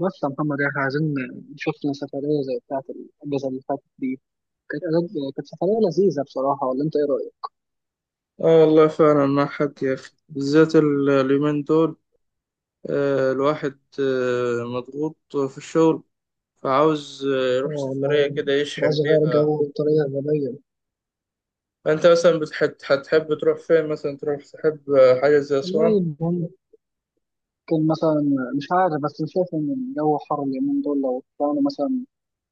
بس يا محمد احنا عايزين شفنا سفرية زي بتاعة الأجازة اللي فاتت دي. كانت أجازة كانت سفرية لذيذة بصراحة، ولا أنت إيه رأيك؟ اه والله فعلا مع حد يا اخي، بالذات اليومين دول. الواحد مضغوط في الشغل. فعاوز اه يروح سفرية والله، كده يشحن عايز أغير بيها. جو بطريقة غبية. فانت مثلا هتحب تروح فين، مثلا تروح تحب حاجة زي أسوان؟ والله ممكن مثلا. مش عارف، بس أنا شايف إن الجو حر اليومين دول. لو طلعنا مثلا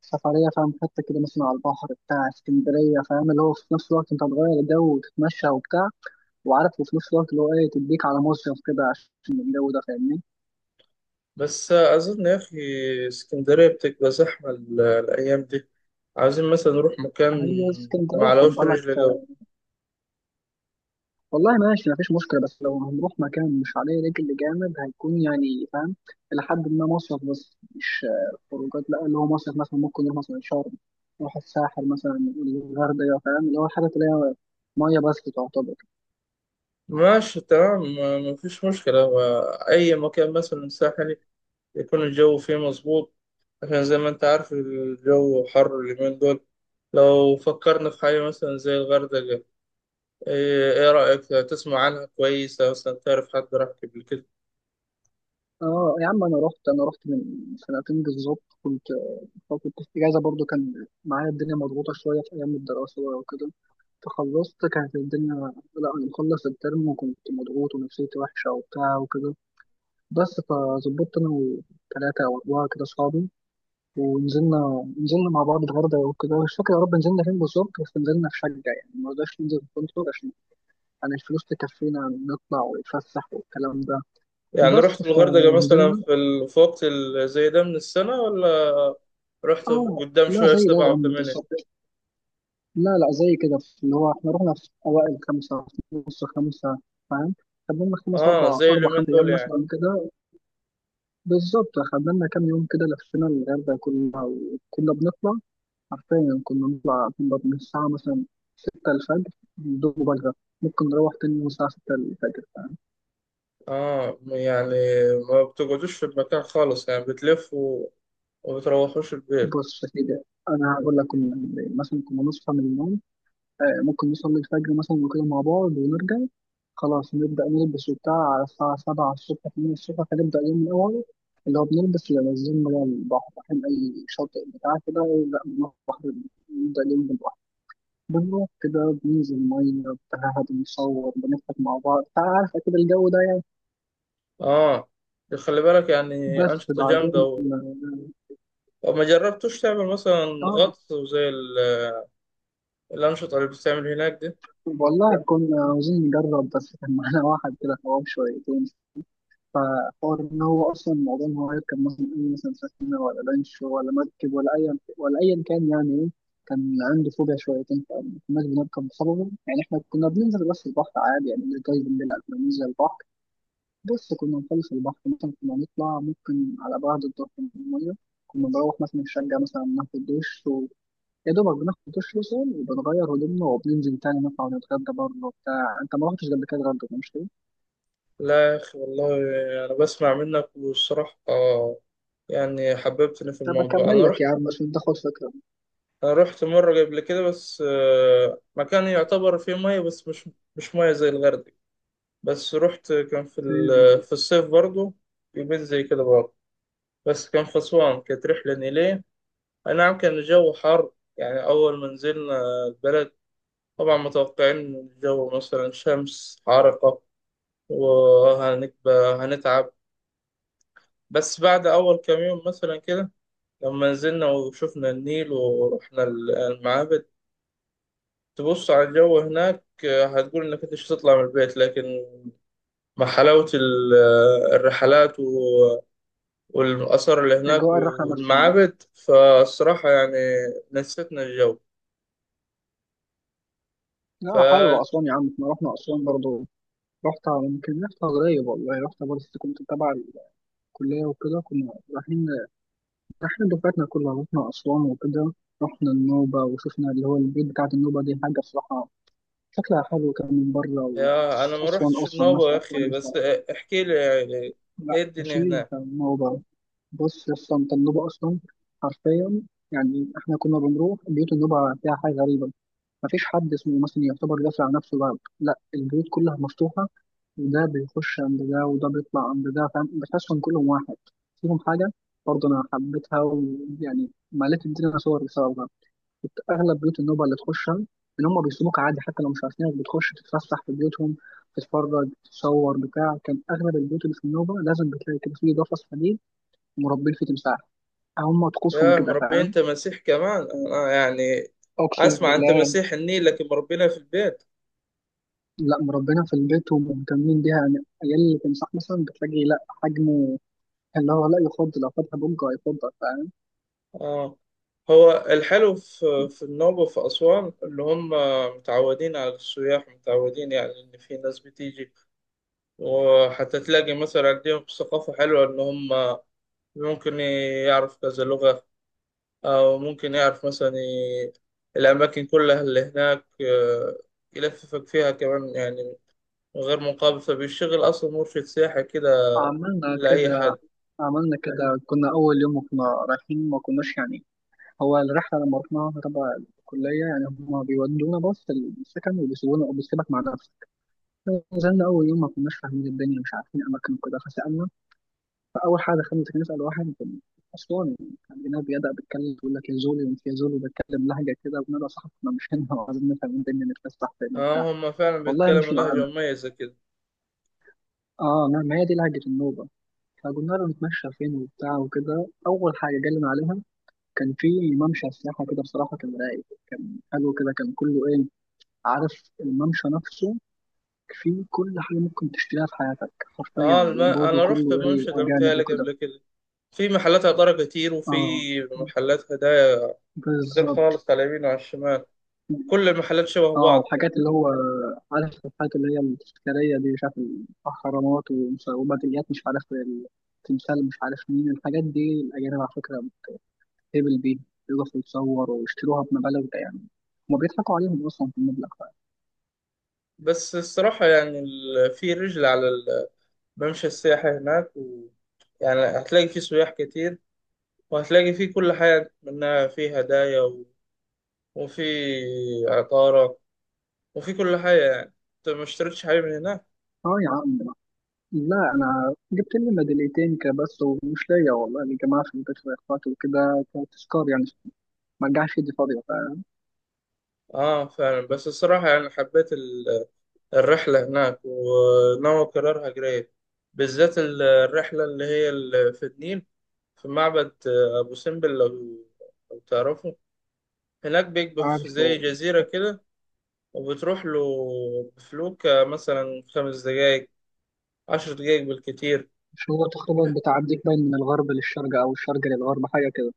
سفرية، فاهم، حتة كده مثلا على البحر بتاع اسكندرية، فاهم، اللي هو في نفس الوقت أنت هتغير الجو وتتمشى وبتاع، وعارف، وفي نفس الوقت اللي هو إيه تديك على مصيف كده عشان الجو ده، فاهمني؟ بس أظن يا أخي اسكندرية بتبقى زحمة الأيام دي. عاوزين مثلا نروح مكان. هي اسكندرية خد معلوش بالك. رجل جو. والله ماشي مفيش مشكلة، بس لو هنروح مكان مش عليه رجل جامد هيكون يعني فاهم إلى حد ما مصيف، بس مش خروجات، لا اللي هو مصيف. مثلا ممكن نروح مثلا شرم، نروح الساحل مثلا، الغردقة، فاهم اللي هو الحاجات اللي هي مية بس تعتبر. ماشي تمام، مفيش مشكلة. هو أي مكان مثلا ساحل يكون الجو فيه مظبوط، عشان زي ما انت عارف الجو حر اليومين دول. لو فكرنا في حاجة مثلا زي الغردقة، ايه رأيك؟ تسمع عنها كويسة؟ مثلا تعرف حد راح قبل كده؟ اه يا عم، أنا رحت من سنتين بالظبط. كنت فترة الإجازة برضو كان معايا الدنيا مضغوطة شوية في أيام الدراسة بقى وكده، فخلصت كانت الدنيا. لا أنا مخلص الترم وكنت مضغوط ونفسيتي وحشة وبتاع وكده. بس فظبطت انا وثلاثه او اربعه كده اصحابي ونزلنا. نزلنا مع بعض الغردقه وكده، مش فاكر يا رب نزلنا فين بالظبط، بس نزلنا في شقه يعني، ما رضاش ننزل في فندق عشان يعني الفلوس تكفينا نطلع ونتفسح والكلام ده. يعني بس رحت الغردقة مثلا فنزلنا. في وقت زي ده من السنة، ولا رحت اه قدام لا شوية في زي ده يا سبعة عم وثمانية؟ بالظبط. لا لا زي كده اللي هو احنا رحنا في اوائل خمسه، في نص خمسه، فاهم؟ خدنا لنا خمس اه، أربع زي أربع اليومين خمس دول أيام يعني؟ مثلا كده. بالظبط خدنا لنا كام يوم كده، لفينا الغردقة كلها وكنا بنطلع. حرفيا كنا نطلع نقعد من الساعة مثلا ستة الفجر، بدون مبالغة. ممكن نروح تاني يوم الساعة ستة الفجر، فاهم؟ اه يعني ما بتقعدوش في المكان خالص يعني؟ بتلفوا وما بتروحوش البيت؟ بص يا سيدي، أنا هقول لك كنا بنعمل إيه. مثلا كنا نصحى من النوم، ممكن نصلي الفجر مثلا وكده مع بعض ونرجع. خلاص نبدأ نلبس وبتاع، على الساعة سبعة الصبح تمانية الصبح هنبدأ اليوم من أوله، اللي هو بنلبس اللي نازلين بقى البحر، رايحين أي شاطئ بتاع كده، لا نروح نبدأ اليوم بالبحر. بنروح كده بننزل مية بتاع، حد بنصور بنضحك مع بعض، عارفة كده الجو ده يعني. اه، خلي بالك يعني بس أنشطة بعدين جامدة. طب ما جربتوش تعمل مثلا اه آه، غطس وزي الأنشطة اللي بتتعمل هناك دي؟ والله كنا عاوزين نجرب، بس كان معانا واحد كده حرام شويتين، فحوار ان هو اصلا الموضوع ان هو يركب مثلا اي مثلا سفينه ولا لانش ولا مركب ولا اي ولا ايا كان يعني ايه. كان عنده فوبيا شويتين، فما كناش بنركب بسببه يعني. احنا كنا بننزل بس البحر عادي، يعني مش جايبين بنلعب بننزل البحر. بص كنا نخلص البحر مثلا، كنا نطلع ممكن على بعد الظهر من المية، كنا نروح مثلا الشقة مثلا ناخد دش، و... يا دوبك بناخد دش مثلا وبنغير هدومنا وبننزل تاني نطلع ونتغدى بره وبتاع. انت ما رحتش قبل كده اتغدى مش كده؟ لا يا أخي والله، أنا بسمع منك والصراحة يعني حببتني في طب الموضوع. اكمل أنا لك يا رحت عم عشان تاخد فكرة. أنا رحت مرة قبل كده، بس مكان يعتبر فيه مية بس، مش مية زي الغردقة. بس رحت، كان اوكي. في الصيف برضو، يومين زي كده برضو، بس كان في أسوان، كانت رحلة نيلية. أي نعم، كان الجو حر. يعني أول ما نزلنا البلد، طبعا متوقعين إن الجو مثلا شمس حارقة، وهنبقى هنتعب. بس بعد أول كام يوم مثلا كده، لما نزلنا وشفنا النيل ورحنا المعابد، تبص على الجو هناك هتقول إنك أنت مش هتطلع من البيت. لكن مع حلاوة الرحلات والآثار اللي هناك اجواء الرحلة نفسها. والمعابد، فالصراحة يعني نسيتنا الجو. ف لا، حلوة أسوان يا عم، احنا رحنا أسوان برضه. رحت يمكن رحت قريب، والله رحت برضه كنت تبع الكلية وكده، كنا رايحين احنا دفعتنا كلها رحنا أسوان وكده. رحنا النوبة وشفنا اللي هو البيت بتاعت النوبة، دي حاجة بصراحة. شكلها حلو كان من بره، يا أنا ما وأسوان رحتش أصلا النوبة يا ناسها أخي، بس كويسة. احكي لي يعني لا إيه الدنيا ماشي هناك. النوبة. بص أصلا أنت، النوبة أصلا حرفيا يعني. احنا كنا بنروح بيوت النوبة، فيها حاجة غريبة. مفيش حد اسمه مثلا يعتبر قافل على نفسه باب، لا البيوت كلها مفتوحة، وده بيخش عند ده وده بيطلع عند ده، فاهم، بتحسهم كلهم واحد. فيهم حاجة برضه أنا حبيتها، ويعني مليت الدنيا صور بسببها. اغلب بيوت النوبه اللي تخشها ان هم بيسيبوك عادي، حتى لو مش عارفينك بتخش تتفسح في بيوتهم، تتفرج تتصور بتاع. كان اغلب البيوت اللي في النوبه لازم بتلاقي كده فيه قفص حديد مربين فيه تمساح. هم طقوسهم يا كده، مربي فاهم؟ انت مسيح كمان، انا يعني اقسم اسمع، انت بالله. مسيح النيل لكن مربينا في البيت. لا مربينا في البيت، ومهتمين بيها يعني. عيال التمساح مثلا بتلاقي لا حجمه اللي هو لا يفضل، لو فاتها بوجه هيفضل، فاهم؟ اه، هو الحلو في النوبة وفي أسوان، اللي هم متعودين على السياح، متعودين يعني إن في ناس بتيجي، وحتى تلاقي مثلا عندهم ثقافة حلوة، إن هم ممكن يعرف كذا لغة، أو ممكن يعرف مثلا الأماكن كلها اللي هناك، يلففك فيها كمان، يعني من غير مقابل، فبيشتغل أصلا مرشد سياحي كده عملنا لأي كده. حد. عملنا كده كنا اول يوم، وكنا رايحين ما كناش يعني، هو الرحلة لما رحناها تبع الكلية يعني، هما بيودونا بس السكن وبيسيبونا وبيسيبك مع نفسك. نزلنا أول يوم ما كناش فاهمين الدنيا، مش عارفين أماكن وكده فسألنا. فأول حاجة خلينا نسأل واحد أسواني كان هناك، بيبدأ بيتكلم يقول لك يا زولي وأنت يا زولي، وبيتكلم لهجة كده، وبنبقى صاحبنا احنا مش هنا وعايزين نفهم الدنيا نتفسح فين وبتاع. اه، هم فعلا والله بيتكلموا مشي لهجة معانا. مميزة كده. اه، ما هي دي لهجة النوبة. فقلنا له نتمشى فين وبتاع وكده. أول حاجة جالنا عليها كان في ممشى سياحة كده، بصراحة كان رايق كان حلو كده، كان كله ايه، عارف الممشى نفسه فيه كل حاجة ممكن تشتريها في حياتك حرفيا، اه، وبرضه انا رحت كله ايه المنشدة أجانب متهيألي وكده. قبل كده، في محلات عطارة كتير، وفي اه محلات هدايا كتير بالظبط. خالص، على اليمين وعلى الشمال، كل المحلات شبه اه بعض كده. وحاجات اللي هو عارف الحاجات اللي هي التذكارية دي، مش عارف الأهرامات وميداليات مش عارف التمثال مش عارف مين الحاجات دي. الأجانب على فكرة بتهبل بيها، يقفوا يتصوروا ويشتروها بمبالغ ده يعني، هما بيضحكوا عليهم أصلا في المبلغ ده. بس الصراحة يعني في رجل على الممشى السياحي هناك يعني هتلاقي فيه سياح كتير، وهتلاقي فيه كل حاجة، منها فيه هدايا وفي عطارة، وفي كل حاجة. يعني انت ما اشتريتش حاجة من هناك؟ اه يا عم. لا انا جبت لي ميداليتين كده بس، ومش ليا والله، اللي جماعه في البيت واخواتي وكده، كتذكار يعني، ما رجعش ايدي فاضيه. اه، فعلا. بس الصراحة يعني حبيت الرحلة هناك، وناوي أكررها قريب، بالذات الرحلة اللي هي في النيل، في معبد أبو سمبل. لو تعرفه، هناك بيبقى في فعارف زي جزيرة كده، وبتروح له بفلوك مثلا 5 دقايق، 10 دقايق بالكتير. مش هو تقريبا بتعديك باين من الغرب للشرق او الشرق للغرب حاجه كده؟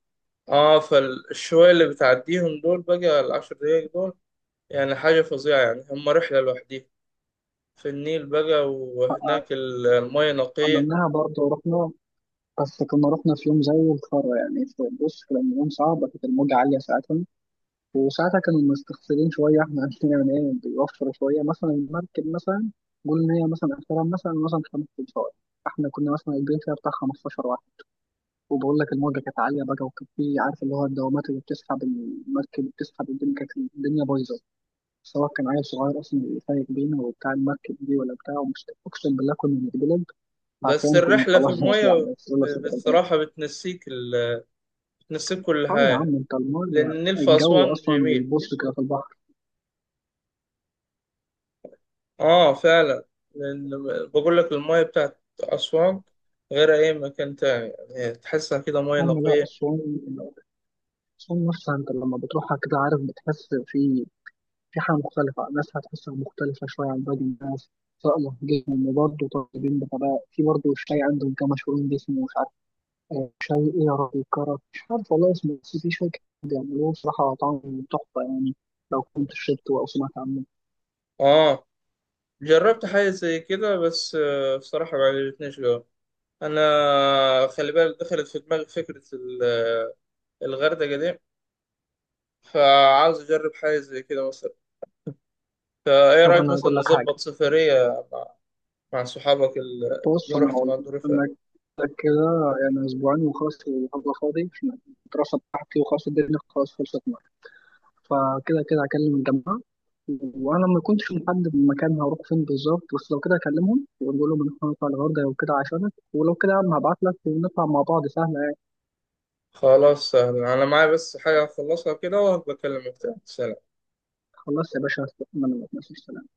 اه، فالشوية اللي بتعديهم دول بقى، العشر دقايق دول يعني حاجة فظيعة، يعني هم رحلة لوحديهم في النيل بقى، أ- وهناك المياه نقية. عملناها برضه ورحنا. بس كنا رحنا في يوم زي الخرا يعني، بص كان يوم صعب، كانت الموجة عالية ساعتها. وساعتها كانوا مستخسرين شوية احنا عندنا من ايه، بيوفروا شوية مثلا المركب مثلا. قول إن هي مثلا آخرها مثلا 5 ساعات، احنا كنا مثلا البيت فيها بتاع 15. وبقول لك الموجة كانت عالية بقى، وكان في عارف اللي هو الدوامات اللي بتسحب المركب بتسحب الدنيا، كانت الدنيا بايظة. سواء كان عيل صغير أصلا اللي سايق بينا وبتاع المركب دي ولا بتاع، ومش أقسم بالله كنا بنتقلب. بس عارفين كنا الرحلة في خلاص المية يعني، بس يلا سافر البلد. بصراحة بتنسيك بتنسيك كل اه يا حاجة. عم، انت لأن المية النيل في الجو أسوان أصلا جميل. بيبص كده في البحر. آه فعلا. لأن بقول لك المية بتاعت أسوان غير أي مكان تاني، يعني تحسها كده مية أما لا نقية. أسوان. أسوان نفسها انت لما بتروحها كده عارف بتحس في في حاجة مختلفة. الناس هتحسها مختلفة شوية عن باقي الناس، سواء لهجتهم، وبرضه طالبين بغباء في برضه شاي عندهم كان مشهورين باسمه، مش عارف شاي ايه يا ربي، كرك مش عارف والله اسمه، بس في شاي كده بيعملوه بصراحة طعمه تحفة يعني، لو كنت شربته أو سمعت عنه. آه، جربت حاجة زي كده، بس بصراحة ما عجبتنيش جوه. أنا خلي بالك دخلت في دماغي فكرة الغردقة دي، فعاوز أجرب حاجة زي كده مثلا. فإيه طب رأيك أنا مثلا هقول لك حاجة. نظبط سفرية مع صحابك بص اللي أنا رحت هقول مع لك الدور اللي فات؟ أنا كده يعني أسبوعين وخلاص الأرض فاضي، عشان الدراسة بتاعتي وخلاص الدنيا خلاص خلصت معايا. فكده كده هكلم الجماعة، وأنا ما كنتش محدد المكان هروح فين بالظبط، بس لو كده هكلمهم وأقول لهم إن إحنا هنطلع الغردقة وكده عشانك، ولو كده يا عم هبعت لك ونطلع مع بعض سهلة يعني. خلاص، سهل. انا معايا بس حاجة اخلصها كده، وهبقى اكلمك تاني. سلام. خلاص يا باشا، استنى منك ماشي، سلام.